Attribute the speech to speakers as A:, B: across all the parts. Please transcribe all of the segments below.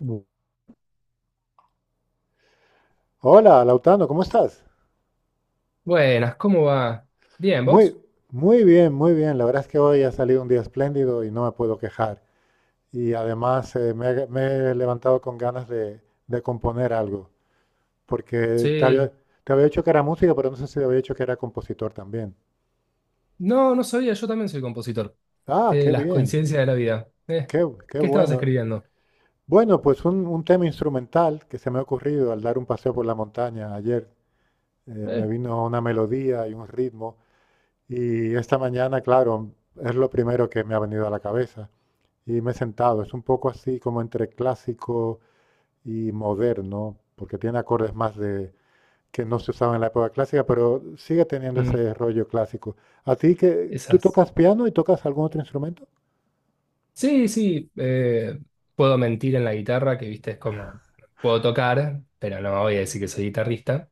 A: Bu-
B: Hola, Lautano, ¿cómo estás?
A: Buenas, ¿cómo va? Bien,
B: Muy,
A: ¿vos?
B: muy bien, muy bien. La verdad es que hoy ha salido un día espléndido y no me puedo quejar. Y además me he levantado con ganas de, componer algo, porque te
A: Sí.
B: había, te había dicho que era música, pero no sé si te había dicho que era compositor también.
A: No, no sabía, yo también soy compositor.
B: Ah, qué
A: Las
B: bien,
A: coincidencias de la vida.
B: qué
A: ¿Qué estabas
B: bueno.
A: escribiendo?
B: Bueno, pues un tema instrumental que se me ha ocurrido al dar un paseo por la montaña ayer. Me
A: Eh,
B: vino una melodía y un ritmo. Y esta mañana, claro, es lo primero que me ha venido a la cabeza. Y me he sentado. Es un poco así como entre clásico y moderno, porque tiene acordes más de que no se usaban en la época clásica, pero sigue teniendo
A: mm,
B: ese rollo clásico. ¿A ti que tú
A: esas.
B: tocas piano y tocas algún otro instrumento?
A: Sí, sí, puedo mentir en la guitarra, que viste, es como, puedo tocar, pero no voy a decir que soy guitarrista.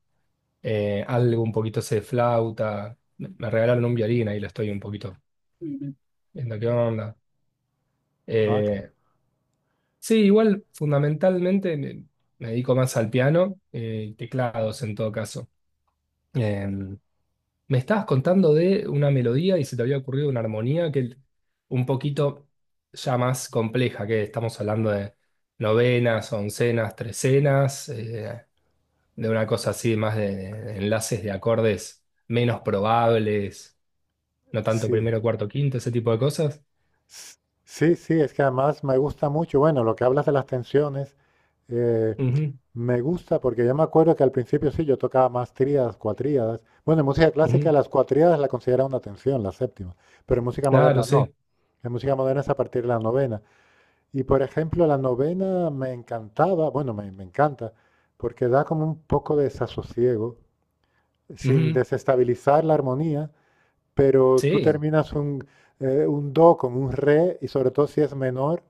A: Algo un poquito sé de flauta. Me regalaron un violín, ahí lo estoy un poquito viendo qué onda.
B: Ah, que
A: Eh, Sí, igual fundamentalmente me dedico más al piano y teclados en todo caso. Eh, me estabas contando de una melodía y se te había ocurrido una armonía que un poquito ya más compleja, que estamos hablando de novenas, oncenas, trecenas, de una cosa así más de enlaces de acordes menos probables, no tanto
B: sí.
A: primero, cuarto, quinto, ese tipo de cosas.
B: S- Sí, sí, es que además me gusta mucho, bueno, lo que hablas de las tensiones. Eh,
A: Ujú,
B: Me gusta porque yo me acuerdo que al principio sí, yo tocaba más tríadas, cuatríadas. Bueno, en música clásica
A: ujú.
B: las cuatríadas la considera una tensión, la séptima, pero en música
A: Claro,
B: moderna no.
A: sí.
B: En música moderna es a partir de la novena. Y por ejemplo, la novena me encantaba, bueno, me encanta, porque da como un poco de desasosiego, sin
A: Ujú.
B: desestabilizar la armonía, pero tú
A: Sí,
B: terminas un do con un re, y sobre todo si es menor,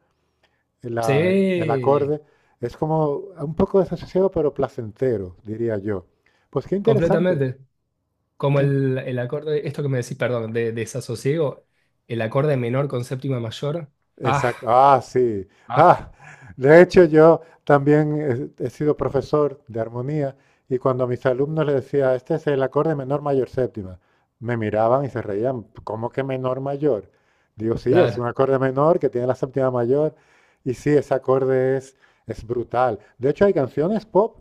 B: el
A: sí.
B: acorde, es como un poco desasociado, pero placentero, diría yo. Pues qué interesante,
A: Completamente. Como
B: qué interesante.
A: el acorde, esto que me decís, perdón, desasosiego, el acorde menor con séptima mayor. Ah,
B: Exacto. Ah, sí.
A: ah,
B: Ah, de hecho, yo también he sido profesor de armonía y cuando a mis alumnos les decía, este es el acorde menor mayor séptima, me miraban y se reían, ¿cómo que menor mayor? Digo, sí, es un
A: claro.
B: acorde menor que tiene la séptima mayor y sí, ese acorde es, brutal. De hecho, hay canciones pop,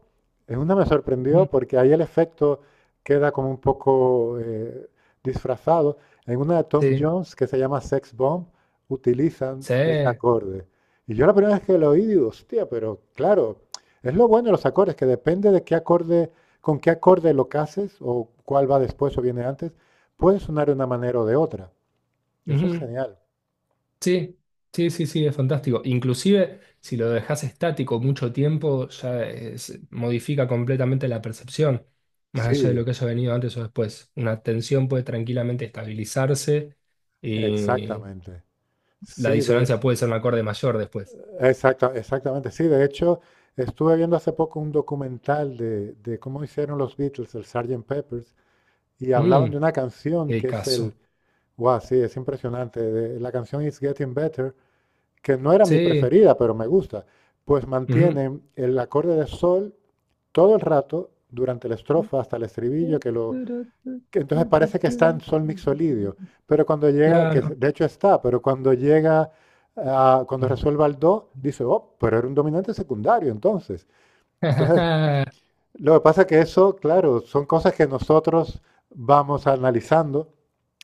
B: en una me sorprendió
A: Ujú.
B: porque ahí el efecto queda como un poco disfrazado. En una de Tom
A: Sí,
B: Jones que se llama Sex Bomb, utilizan
A: sí,
B: ese acorde. Y yo la primera vez que lo oí, digo, hostia, pero claro, es lo bueno de los acordes, que depende de qué acorde, con qué acorde lo cases, o cuál va después o viene antes, puede sonar de una manera o de otra. Eso es
A: ujú.
B: genial.
A: Sí, sí, sí, sí, es fantástico. Inclusive, si lo dejas estático mucho tiempo, modifica completamente la percepción, más allá de
B: Sí,
A: lo que haya venido antes o después. Una tensión puede tranquilamente estabilizarse y
B: exactamente.
A: la
B: Sí,
A: disonancia puede ser un acorde mayor después.
B: exactamente. Sí, de hecho, estuve viendo hace poco un documental de cómo hicieron los Beatles, el Sgt. Peppers, y hablaban de
A: Mm,
B: una
A: qué
B: canción que es
A: discazo.
B: el... Guau, sí, es impresionante. La canción It's Getting Better, que no era mi
A: Sí.
B: preferida, pero me gusta, pues
A: Ujú.
B: mantienen el acorde de sol todo el rato, durante la estrofa hasta el estribillo, que entonces parece que está en sol mixolidio, pero cuando llega, que
A: Claro.
B: de hecho está, pero cuando llega, cuando resuelva el do, dice, oh, pero era un dominante secundario entonces. Entonces, lo que pasa es que eso, claro, son cosas que nosotros vamos analizando.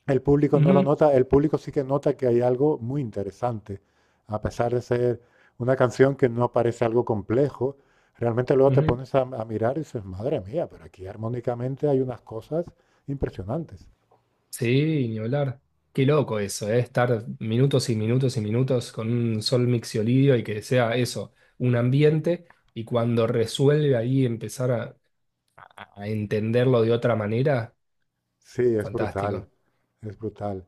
B: El público no lo
A: Ujú,
B: nota, el público sí que nota que hay algo muy interesante, a pesar de ser una canción que no parece algo complejo. Realmente luego te
A: ujú.
B: pones a mirar y dices, madre mía, pero aquí armónicamente hay unas cosas impresionantes.
A: Sí, ni hablar. Qué loco eso, ¿eh? Estar minutos y minutos y minutos con un sol mixolidio y que sea eso, un ambiente, y cuando resuelve ahí empezar a entenderlo de otra manera,
B: Sí, es brutal,
A: fantástico.
B: es brutal.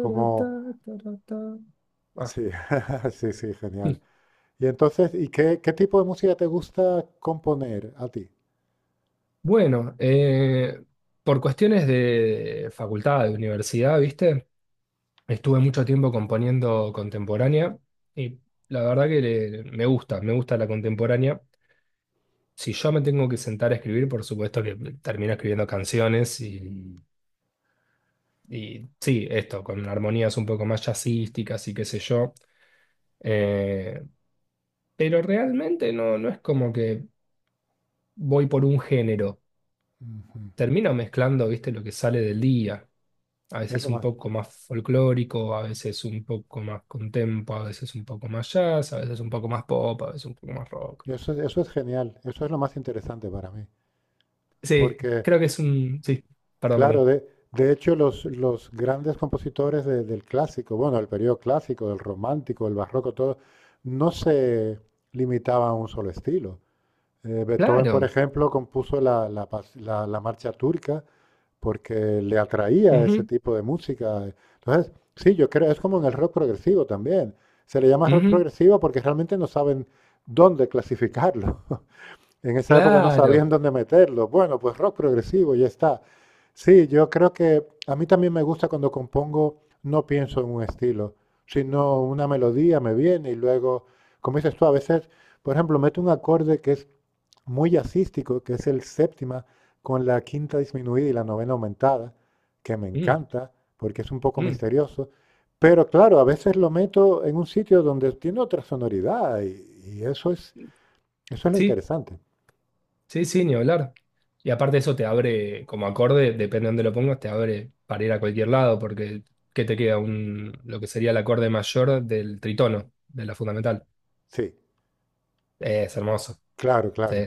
B: Como,
A: Ah.
B: sí, sí, sí, genial. Y entonces, ¿y qué, tipo de música te gusta componer a ti?
A: Bueno, por cuestiones de facultad, de universidad, ¿viste? Estuve mucho tiempo componiendo contemporánea y la verdad que me gusta la contemporánea. Si yo me tengo que sentar a escribir, por supuesto que termino escribiendo canciones y sí, esto, con armonías un poco más jazzísticas y qué sé yo. Eh, pero realmente no, no es como que voy por un género.
B: Ujú.
A: Termino mezclando, ¿viste? Lo que sale del día, a
B: Es
A: veces
B: lo
A: un
B: más.
A: poco más folclórico, a veces un poco más contempo, a veces un poco más jazz, a veces un poco más pop, a veces un poco más rock.
B: Eso es genial, eso es lo más interesante para mí,
A: Sí,
B: porque
A: creo que es un... Sí, perdón,
B: claro,
A: perdón.
B: de hecho los grandes compositores del clásico, bueno, del periodo clásico, del romántico, del barroco, todo, no se limitaban a un solo estilo. Beethoven, por
A: Claro.
B: ejemplo, compuso la marcha turca porque le atraía ese
A: Ujú,
B: tipo de música. Entonces, sí, yo creo, es como en el rock progresivo también. Se le llama rock
A: ujú,
B: progresivo porque realmente no saben dónde clasificarlo. En esa época no
A: claro.
B: sabían dónde meterlo. Bueno, pues rock progresivo, ya está. Sí, yo creo que a mí también me gusta cuando compongo, no pienso en un estilo, sino una melodía me viene y luego, como dices tú, a veces, por ejemplo, meto un acorde que es muy jazzístico, que es el séptima, con la quinta disminuida y la novena aumentada, que me
A: Mm,
B: encanta, porque es un poco
A: mm.
B: misterioso. Pero claro, a veces lo meto en un sitio donde tiene otra sonoridad y eso es lo
A: Sí,
B: interesante.
A: sí, sí, ni hablar. Y aparte eso te abre, como acorde, depende de dónde lo pongas, te abre para ir a cualquier lado, porque ¿qué te queda? Un, lo que sería el acorde mayor del tritono, de la fundamental.
B: Sí.
A: Es hermoso.
B: Claro,
A: Sí,
B: claro.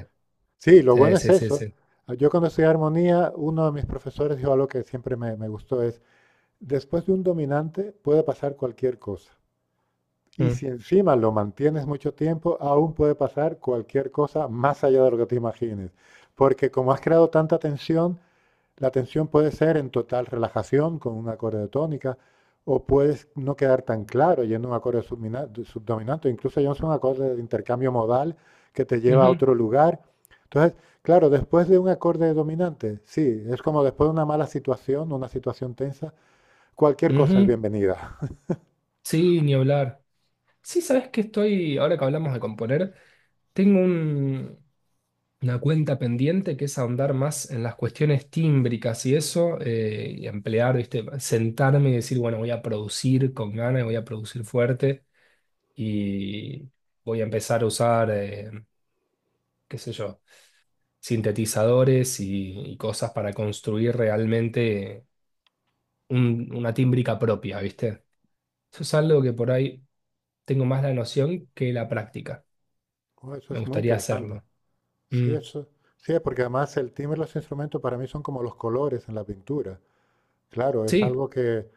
B: Sí, lo
A: sí,
B: bueno es
A: sí, sí,
B: eso.
A: sí.
B: Ah, yo cuando estudié armonía, uno de mis profesores dijo algo que siempre me gustó, es, después de un dominante puede pasar cualquier cosa. Y
A: Mm,
B: si encima lo mantienes mucho tiempo, aún puede pasar cualquier cosa más allá de lo que te imagines. Porque como has creado tanta tensión, la tensión puede ser en total relajación con un acorde de tónica, o puedes no quedar tan claro yendo a un acorde subdominante, incluso yendo a un acorde de intercambio modal que te lleva a
A: ujú.
B: otro lugar. Entonces, claro, después de un acorde dominante, sí, es como después de una mala situación, una situación tensa, cualquier cosa es
A: Ujú.
B: bienvenida.
A: Sí, ni hablar. Sí, sabes que estoy, ahora que hablamos de componer, tengo un, una cuenta pendiente que es ahondar más en las cuestiones tímbricas y eso, y emplear, ¿viste? Sentarme y decir, bueno, voy a producir con ganas, voy a producir fuerte y voy a empezar a usar, qué sé yo, sintetizadores y cosas para construir realmente una tímbrica propia, ¿viste? Eso es algo que por ahí tengo más la noción que la práctica.
B: Oh, eso
A: Me
B: es muy
A: gustaría
B: interesante.
A: hacerlo.
B: Sí,
A: Mm.
B: eso, sí, porque además el timbre de los instrumentos para mí son como los colores en la pintura. Claro, es
A: Sí,
B: algo que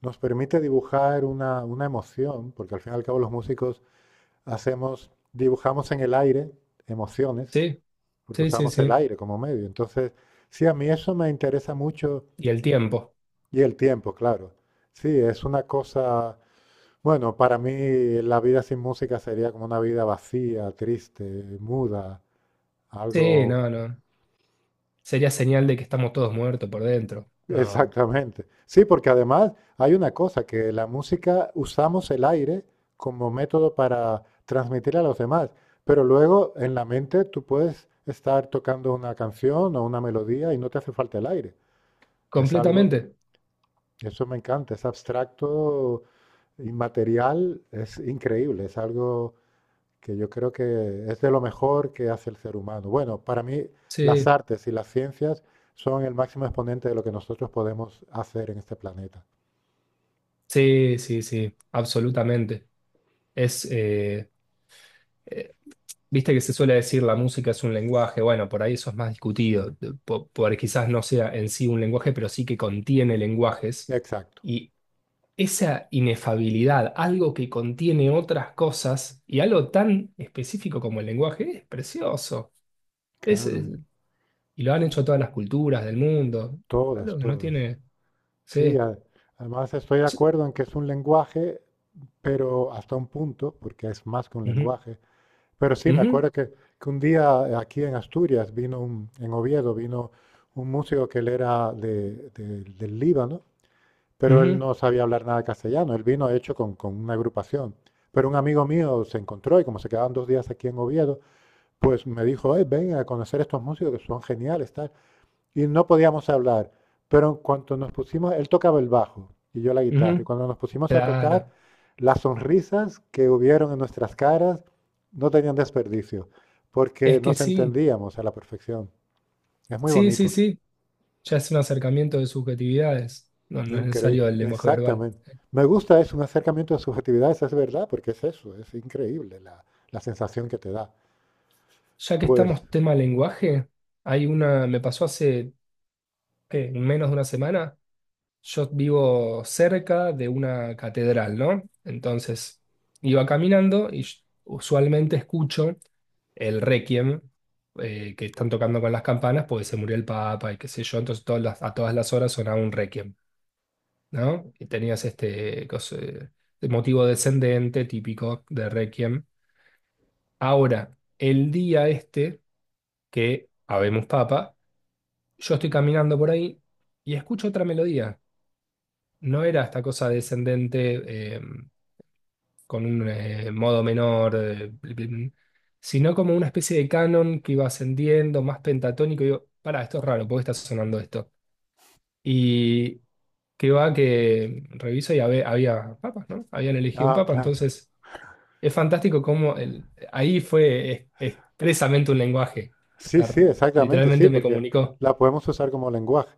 B: nos permite dibujar una emoción, porque al fin y al cabo los músicos dibujamos en el aire emociones,
A: sí,
B: porque
A: sí, sí,
B: usamos el
A: sí.
B: aire como medio. Entonces, sí, a mí eso me interesa mucho
A: Y el tiempo.
B: y el tiempo, claro. Sí, es una cosa, bueno, para mí la vida sin música sería como una vida vacía, triste, muda,
A: Sí,
B: algo...
A: no, no. Sería señal de que estamos todos muertos por dentro. No,
B: Exactamente. Sí, porque además hay una cosa, que la música usamos el aire como método para transmitir a los demás, pero luego en la mente tú puedes estar tocando una canción o una melodía y no te hace falta el aire. Es algo,
A: completamente.
B: eso me encanta, es abstracto, inmaterial, es increíble, es algo que yo creo que es de lo mejor que hace el ser humano. Bueno, para mí las
A: Sí,
B: artes y las ciencias son el máximo exponente de lo que nosotros podemos hacer en este planeta.
A: sí, sí, sí, absolutamente. Es, eh, eh, viste que se suele decir la música es un lenguaje. Bueno, por ahí eso es más discutido, por, quizás no sea en sí un lenguaje, pero sí que contiene lenguajes.
B: Exacto,
A: Y esa inefabilidad, algo que contiene otras cosas y algo tan específico como el lenguaje, es precioso. Es,
B: claro,
A: es- y lo han hecho todas las culturas del mundo.
B: todas,
A: Algo que no
B: todas.
A: tiene.
B: Sí,
A: Sí,
B: además estoy de
A: sí,
B: acuerdo en que es un lenguaje, pero hasta un punto, porque es más que un
A: ujú,
B: lenguaje. Pero sí, me
A: ujú,
B: acuerdo que, un día aquí en Asturias vino un, en Oviedo, vino un músico que él era del Líbano, pero él
A: ujú,
B: no sabía hablar nada de castellano. Él vino, de hecho, con una agrupación. Pero un amigo mío se encontró y como se quedaban dos días aquí en Oviedo, pues me dijo, ven a conocer estos músicos que son geniales, tal." Y no podíamos hablar, pero en cuanto nos pusimos, él tocaba el bajo y yo la guitarra, y
A: ujú.
B: cuando nos pusimos a tocar,
A: Claro.
B: las sonrisas que hubieron en nuestras caras no tenían desperdicio, porque
A: Es que
B: nos
A: sí.
B: entendíamos a la perfección. Es muy
A: Sí, sí,
B: bonito,
A: sí. Ya es un acercamiento de subjetividades. No, no es necesario
B: increíble,
A: el lenguaje verbal.
B: exactamente. Me gusta, es un acercamiento de subjetividad, esa es verdad, porque es eso, es increíble la, sensación que te da.
A: Ya que
B: Pues,
A: estamos tema lenguaje, hay una. Me pasó hace ¿qué? Menos de una semana. Yo vivo cerca de una catedral, ¿no? Entonces iba caminando y usualmente escucho el requiem, que están tocando con las campanas porque se murió el Papa y qué sé yo. Entonces a todas las horas sonaba un requiem, ¿no? Y tenías el motivo descendente típico de requiem. Ahora, el día este que habemos Papa, yo estoy caminando por ahí y escucho otra melodía. No era esta cosa descendente, con un modo menor, sino como una especie de canon que iba ascendiendo, más pentatónico. Y digo, pará, esto es raro, ¿por qué está sonando esto? Y que va que reviso y había, papas, ¿no? Habían elegido un
B: ah,
A: papa,
B: claro.
A: entonces es fantástico cómo ahí fue expresamente un lenguaje. O
B: Sí,
A: sea,
B: sí, exactamente, sí,
A: literalmente me
B: porque
A: comunicó.
B: la podemos usar como lenguaje.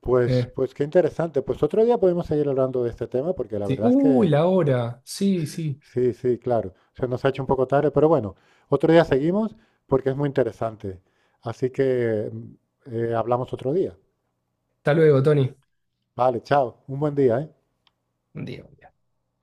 B: Pues,
A: Eh,
B: pues qué interesante. Pues otro día podemos seguir hablando de este tema porque la
A: sí.
B: verdad es
A: Uy,
B: que
A: la hora. Sí, sí.
B: sí, sí, claro. Se nos ha hecho un poco tarde, pero bueno, otro día seguimos porque es muy interesante. Así que hablamos otro día.
A: Hasta luego, Tony.
B: Vale, chao. Un buen día, ¿eh?
A: Un día.